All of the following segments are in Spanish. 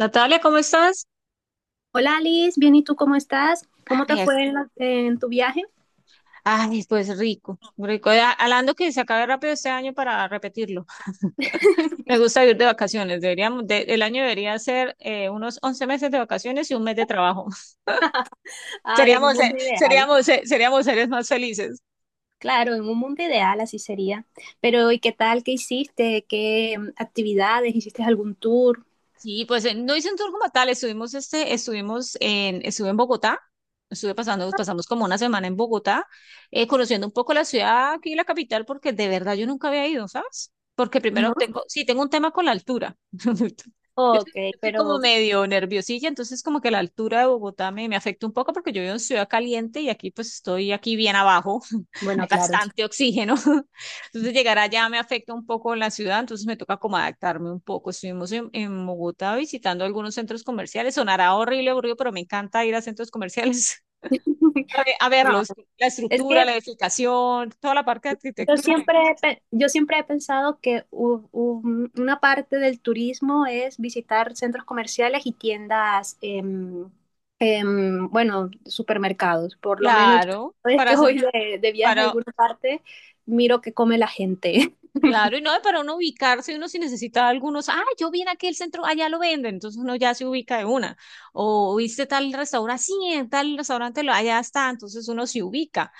Natalia, ¿cómo estás? Hola Alice, bien, ¿y tú cómo estás? ¿Cómo te Ay, ac- fue en tu viaje? ay, pues rico, rico. Ya, hablando que se acabe rápido este año para repetirlo. Me gusta ir de vacaciones. Deberíamos, el año debería ser unos 11 meses de vacaciones y un mes de trabajo. Ay, en un Seríamos, eh, mundo ideal. seríamos, eh, seríamos seres más felices. Claro, en un mundo ideal así sería. Pero ¿y qué tal? ¿Qué hiciste? ¿Qué actividades? ¿Hiciste algún tour? Sí, pues no hice un tour como tal, estuvimos, este, estuvimos en, estuve en Bogotá, pasamos como una semana en Bogotá, conociendo un poco la ciudad aquí, la capital, porque de verdad yo nunca había ido, ¿sabes? Porque No. primero tengo, sí, tengo un tema con la altura. Yo Ok, soy, yo soy como pero medio nerviosilla, entonces como que la altura de Bogotá me afecta un poco porque yo vivo en ciudad caliente y aquí pues estoy aquí bien abajo, hay bueno, claro. bastante oxígeno. Entonces llegar allá me afecta un poco la ciudad, entonces me toca como adaptarme un poco. Estuvimos en Bogotá visitando algunos centros comerciales, sonará horrible, aburrido, pero me encanta ir a centros comerciales a No, verlos, la es estructura, que la edificación, toda la parte de arquitectura. Yo siempre he pensado que una parte del turismo es visitar centros comerciales y tiendas, bueno, supermercados. Por lo menos yo Claro, cada vez que voy de viaje a para. alguna parte, miro qué come la gente. Claro, y no, y para uno ubicarse, uno si necesita algunos, ah, yo vi en aquel centro, allá lo venden, entonces uno ya se ubica de una. O viste tal restaurante, sí, en tal restaurante, allá está, entonces uno se ubica.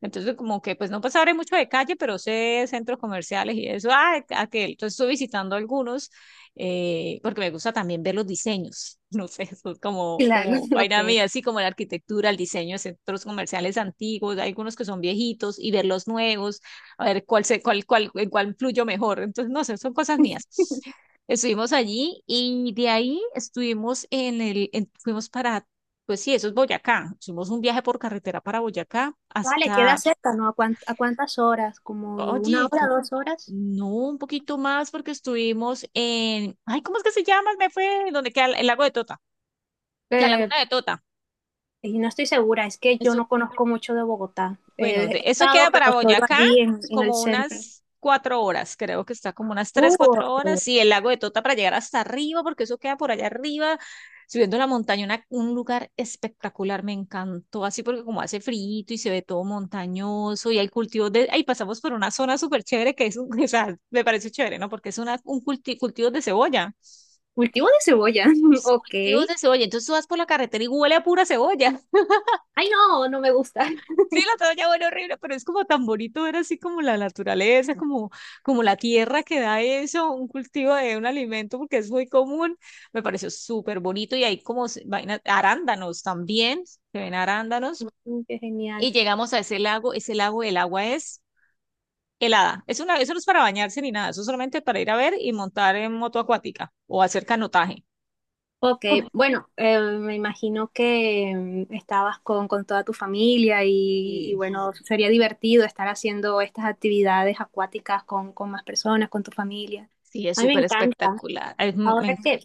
Entonces, como que, pues no pues sabré mucho de calle, pero sé centros comerciales y eso, ah, aquel. Entonces, estoy visitando algunos, porque me gusta también ver los diseños, no sé, eso es como, Claro, como ok. vaina mía, así como la arquitectura, el diseño de centros comerciales antiguos, hay algunos que son viejitos y ver los nuevos a ver cuál se, cuál, cuál, en cuál fluyo mejor. Entonces, no sé, son cosas mías. Estuvimos allí y de ahí estuvimos fuimos para, pues sí, eso es Boyacá. Hicimos un viaje por carretera para Boyacá Vale, queda hasta, cerca, ¿no? ¿A a cuántas horas? ¿Como una oye, hora, dos horas? no, un poquito más porque estuvimos en, ay, ¿cómo es que se llama? Me fue, donde queda el lago de Tota, la Eh, laguna de Tota. y no estoy segura, es que yo no conozco mucho de Bogotá. Bueno, He eso queda estado, para pero solo Boyacá allí en el como centro. unas 4 horas, creo que está como unas tres, cuatro ok. horas, y el lago de Tota para llegar hasta arriba, porque eso queda por allá arriba, subiendo la montaña, un lugar espectacular, me encantó, así porque como hace frío y se ve todo montañoso, y hay cultivos de, ahí pasamos por una zona súper chévere que es, o sea, me parece chévere, ¿no? Porque es un cultivo de cebolla, Cultivo de cebolla, ok. cultivos Ay, de cebolla, entonces tú vas por la carretera y huele a pura cebolla. no, no me gusta. Sí, la toalla huele horrible, pero es como tan bonito ver así como la naturaleza, como, como la tierra que da eso, un cultivo de un alimento, porque es muy común. Me pareció súper bonito y hay vainas, arándanos también, se ven arándanos. Mm, qué genial. Y llegamos a ese lago, el agua es helada. Es una, eso no es para bañarse ni nada, eso es solamente para ir a ver y montar en moto acuática o hacer canotaje. Ok, bueno, me imagino que estabas con toda tu familia y Sí, bueno, sería divertido estar haciendo estas actividades acuáticas con más personas, con tu familia. sí, es A mí me súper encanta. espectacular. Ay, Ahora que,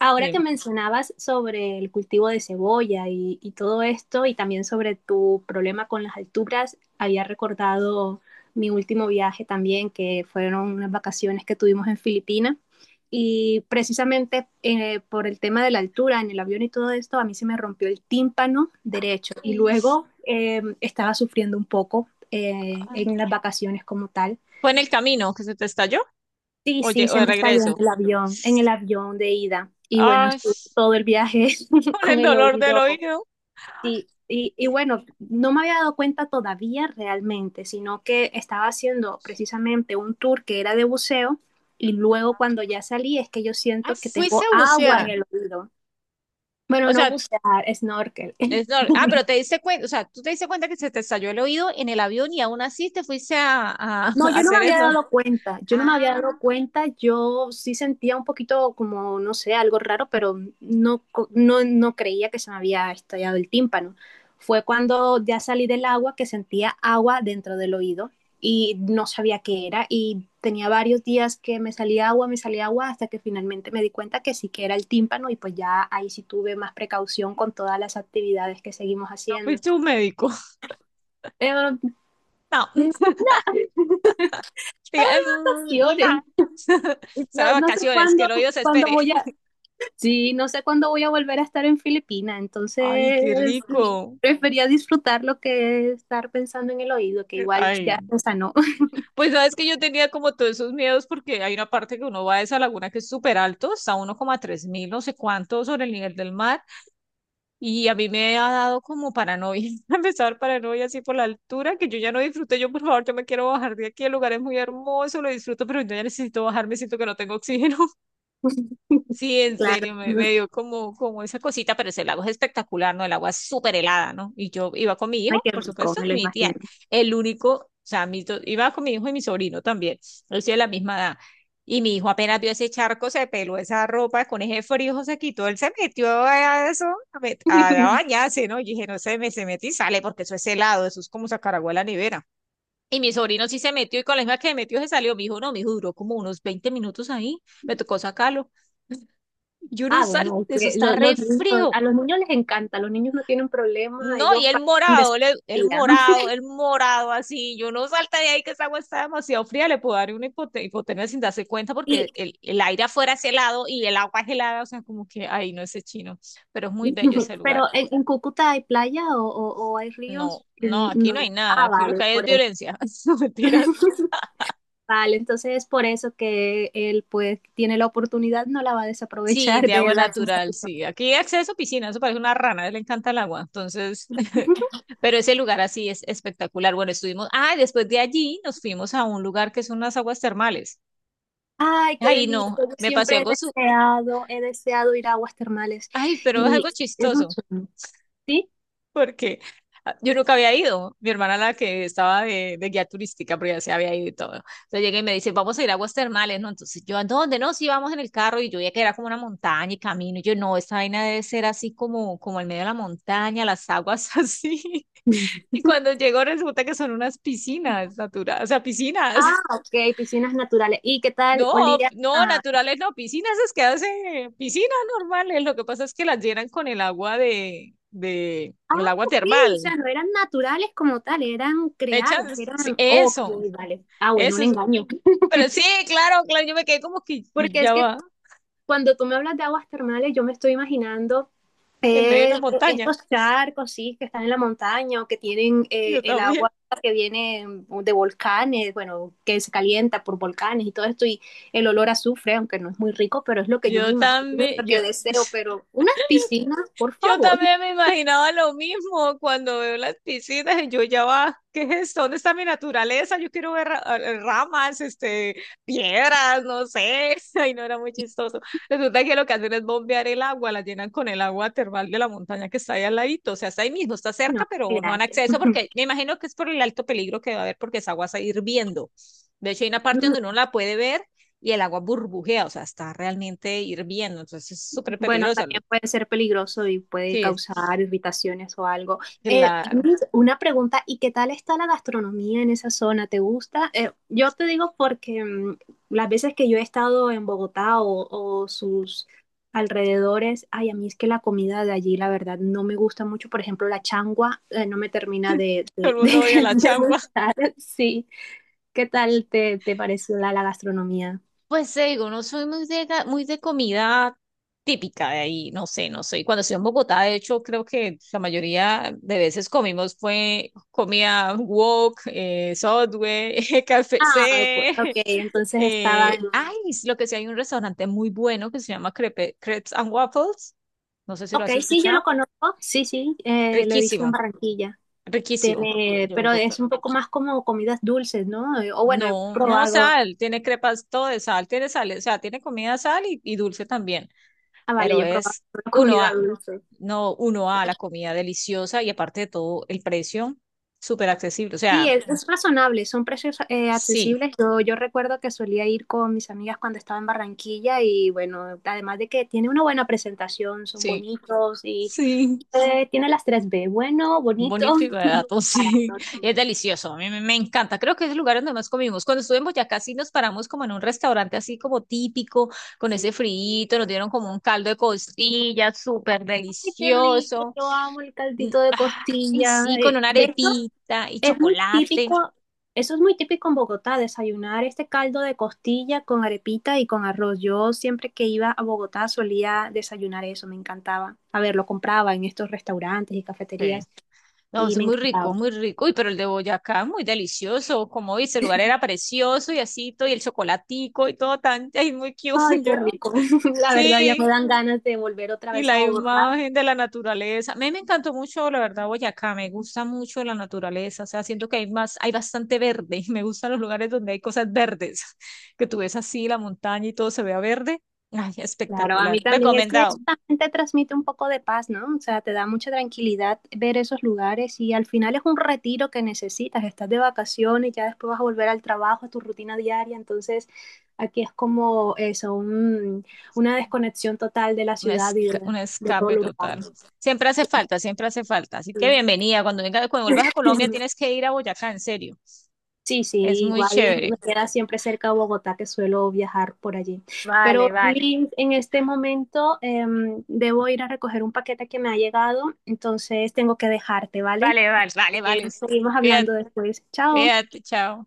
ahora bien. que mencionabas sobre el cultivo de cebolla y todo esto, y también sobre tu problema con las alturas, había recordado mi último viaje también, que fueron unas vacaciones que tuvimos en Filipinas. Y precisamente por el tema de la altura en el avión y todo esto, a mí se me rompió el tímpano derecho y Ay, luego estaba sufriendo un poco en ah. las vacaciones como tal. ¿Fue en el camino que se te estalló? Sí, Oye, sí, o se de me estalló regreso. En el avión de ida. Y bueno, Ay, estuve todo el viaje con con el el dolor del oído. oído. Sí, y Y, bueno, no me había dado cuenta todavía realmente, sino que estaba haciendo precisamente un tour que era de buceo y luego cuando ya salí es que yo ah, siento que fuiste tengo a agua bucear. en el oído. Bueno, O no sea, bucear, snorkel. es nor- ah, pero te diste cuenta, o sea, tú te diste cuenta que se te estalló el oído en el avión y aún así te fuiste No, a hacer snor. Yo no me Ah, había dado cuenta, yo sí sentía un poquito como, no sé, algo raro, pero no, no creía que se me había estallado el tímpano. Fue cuando ya salí del agua que sentía agua dentro del oído y no sabía qué era y tenía varios días que me salía agua, hasta que finalmente me di cuenta que sí que era el tímpano y pues ya ahí sí tuve más precaución con todas las actividades que seguimos no haciendo. fuiste un médico. Pero, No. no Diga, "Mm, no, o llores. sea, de Yo no sé vacaciones, que cuándo, el oído se cuándo espere. voy a, Sí, no sé cuándo voy a volver a estar en Filipinas, Ay, qué entonces ok, rico. prefería disfrutar lo que estar pensando en el oído, que igual Ay. ya se sanó. Pues sabes que yo tenía como todos esos miedos porque hay una parte que uno va a esa laguna que es súper alto, está a uno coma tres mil, no sé cuánto sobre el nivel del mar, y a mí me ha dado como paranoia, empezar paranoia así por la altura, que yo ya no disfruté, yo por favor, yo me quiero bajar de aquí, el lugar es muy hermoso, lo disfruto, pero yo ya necesito bajarme, siento que no tengo oxígeno. Sí, en Claro, serio, me mm, dio como, como esa cosita, pero ese lago es espectacular, ¿no? El agua es súper helada, ¿no? Y yo iba con mi hijo, ay, qué por rico, supuesto, me y lo mi imagino. tía, el único, o sea, mis dos- iba con mi hijo y mi sobrino también, ellos de la misma edad. Y mi hijo apenas vio ese charco, se peló esa ropa, con ese frío se quitó, él se metió a eso, a bañarse, ¿no? Y dije, no se me se mete y sale, porque eso es helado, eso es como sacar agua de la nevera. Y mi sobrino sí se metió, y con la misma que se metió se salió, mi hijo no, mi hijo duró como unos 20 minutos ahí, me tocó sacarlo. Y uno Ah, usa, bueno, es eso que está re los niños, frío. a los niños les encanta, los niños no tienen problema, No, y ellos el van de su morado, el vida. morado, el morado así. Yo no salta de ahí que esa agua está demasiado fría. Le puedo dar una hipotermia sin darse cuenta Y porque el aire afuera es helado y el agua es helada. O sea, como que ahí no es chino. Pero es muy bello ese lugar. pero en Cúcuta ¿hay playa o, o hay No, ríos? no, Mm, aquí no. no hay nada. Ah, Aquí lo vale, que hay es por eso. violencia. No, mentiras. Vale, entonces es por eso que él pues tiene la oportunidad, no la va a Sí, desaprovechar de de agua darse un natural, saludo. sí. Aquí hay acceso a piscina, eso parece una rana, a él le encanta el agua. Entonces, pero ese lugar así es espectacular. Bueno, estuvimos, ah, y después de allí nos fuimos a un lugar que son unas aguas termales. Ay, qué Ay, delicia. no, Yo me pasó siempre he algo, he deseado ir a aguas termales. ay, pero es Y algo es chistoso. mucho, ¿sí? Porque ah, yo nunca había ido. Mi hermana la que estaba de guía turística, pero ya se había ido y todo. Entonces llega y me dice, vamos a ir a aguas termales, ¿no? Entonces yo, ¿a dónde? No, sí, vamos en el carro y yo veía que era como una montaña y camino. Y yo, no, esta vaina debe ser así como, como en medio de la montaña, las aguas así. Y cuando llego resulta que son unas piscinas naturales, o sea, piscinas. Ah, ok, piscinas naturales. ¿Y qué tal No, olía? no, A- naturales no, piscinas es que hace piscinas normales. Lo que pasa es que las llenan con el agua ah, el agua ok, o termal. sea, no eran naturales como tal, eran Le creadas, echas sí, eran... Ok, eso, vale. Ah, bueno, eso. un engaño. Pero sí, claro, claro, yo me quedé como que y Porque es ya que va, cuando tú me hablas de aguas termales, yo me estoy imaginando, en medio de una eh, montaña. estos charcos, sí, que están en la montaña o que tienen Yo el también. agua que viene de volcanes, bueno, que se calienta por volcanes y todo esto, y el olor a azufre, aunque no es muy rico, pero es lo que yo me Yo imagino, y también, lo que deseo, pero unas piscinas, por yo favor. también me imaginaba lo mismo cuando veo las piscinas y yo ya va, ¿qué es esto? ¿Dónde está mi naturaleza? Yo quiero ver ramas, este, piedras, no sé. Ay, no era muy chistoso. Resulta que lo que hacen es bombear el agua, la llenan con el agua termal de la montaña que está ahí al ladito, o sea, está ahí mismo, está No, cerca, pero no han gracias. acceso porque me imagino que es por el alto peligro que va a haber porque esa agua está hirviendo. De hecho, hay una parte donde uno la puede ver y el agua burbujea, o sea, está realmente hirviendo, entonces es súper Bueno, peligrosa. también puede ser peligroso y puede Sí, causar irritaciones o algo. Claro, Luis, una pregunta, ¿y qué tal está la gastronomía en esa zona? ¿Te gusta? Yo te digo porque las veces que yo he estado en Bogotá o sus alrededores, ay, a mí es que la comida de allí, la verdad, no me gusta mucho. Por ejemplo, la changua, no me termina todo el mundo odia la de changua. gustar. Sí, ¿qué tal te pareció la gastronomía? Pues te digo, no soy muy muy de comida típica de ahí, no sé, no soy. Cuando estoy en Bogotá, de hecho, creo que la mayoría de veces comimos fue comida wok, Subway, Ah, ok, KFC. ok, entonces estaba... Ay, es lo que sí, hay un restaurante muy bueno que se llama Crepes and Waffles, no sé si lo Ok, has sí, yo lo escuchado, conozco, sí, sí, lo he visto en riquísimo, Barranquilla. riquísimo. Tiene, De pero Bogotá. es un poco más como comidas dulces, ¿no? O bueno, he No, no probado, sal, tiene crepas todo de sal, tiene sal, o sea, tiene comida sal y dulce también, ah, vale, pero yo he probado es solo uno comida a, dulce. no uno Eh, a la comida deliciosa y aparte de todo el precio súper accesible, o Sí, sea, es razonable, son precios sí, accesibles. Yo recuerdo que solía ir con mis amigas cuando estaba en Barranquilla y bueno, además de que tiene una buena presentación, son sí, bonitos y sí, tiene las tres b, bueno, bonito, bonito y barato, sí, barato. y es Sí. delicioso, a mí me encanta, creo que es el lugar donde más comimos, cuando estuvimos ya casi nos paramos como en un restaurante así como típico, con ese friito. Nos dieron como un caldo de costilla súper Ay, qué rico, delicioso. yo amo el Mm, caldito de ah. Ay, costilla. sí, con Eh, una de hecho, arepita y es muy chocolate. típico, eso es muy típico en Bogotá, desayunar este caldo de costilla con arepita y con arroz. Yo siempre que iba a Bogotá solía desayunar eso, me encantaba. A ver, lo compraba en estos restaurantes y Sí. cafeterías No, y es me muy rico, encantaba. muy rico. Uy, pero el de Boyacá, muy delicioso. Como dice, el lugar era precioso y así, todo, y el chocolatico y todo tan, ay, muy cute, Ay, qué yo. rico. La verdad ya Sí, me dan ganas de volver otra y vez a la Bogotá. imagen de la naturaleza. A mí me encantó mucho, la verdad, Boyacá. Me gusta mucho la naturaleza. O sea, siento que hay más, hay bastante verde. Me gustan los lugares donde hay cosas verdes. Que tú ves así la montaña y todo se vea verde. Ay, Claro, a espectacular. mí también es que Recomendado. eso también te transmite un poco de paz, ¿no? O sea, te da mucha tranquilidad ver esos lugares y al final es un retiro que necesitas, estás de vacaciones, ya después vas a volver al trabajo, a tu rutina diaria, entonces aquí es como eso, una desconexión total de la un, ciudad y esca- un de todo escape lo urbano. total. Siempre hace falta, siempre hace falta. Así que Sí. bienvenida. Cuando venga, cuando vuelvas a Colombia tienes que ir a Boyacá, en serio. Sí, sí, Es muy igual chévere. me queda siempre cerca de Bogotá, que suelo viajar por allí. Vale, Pero vale, Liz, en este momento debo ir a recoger un paquete que me ha llegado, entonces tengo que dejarte, ¿vale? vale, vale. Vale, vale. Seguimos Cuídate, hablando después. Chao. cuídate, chao.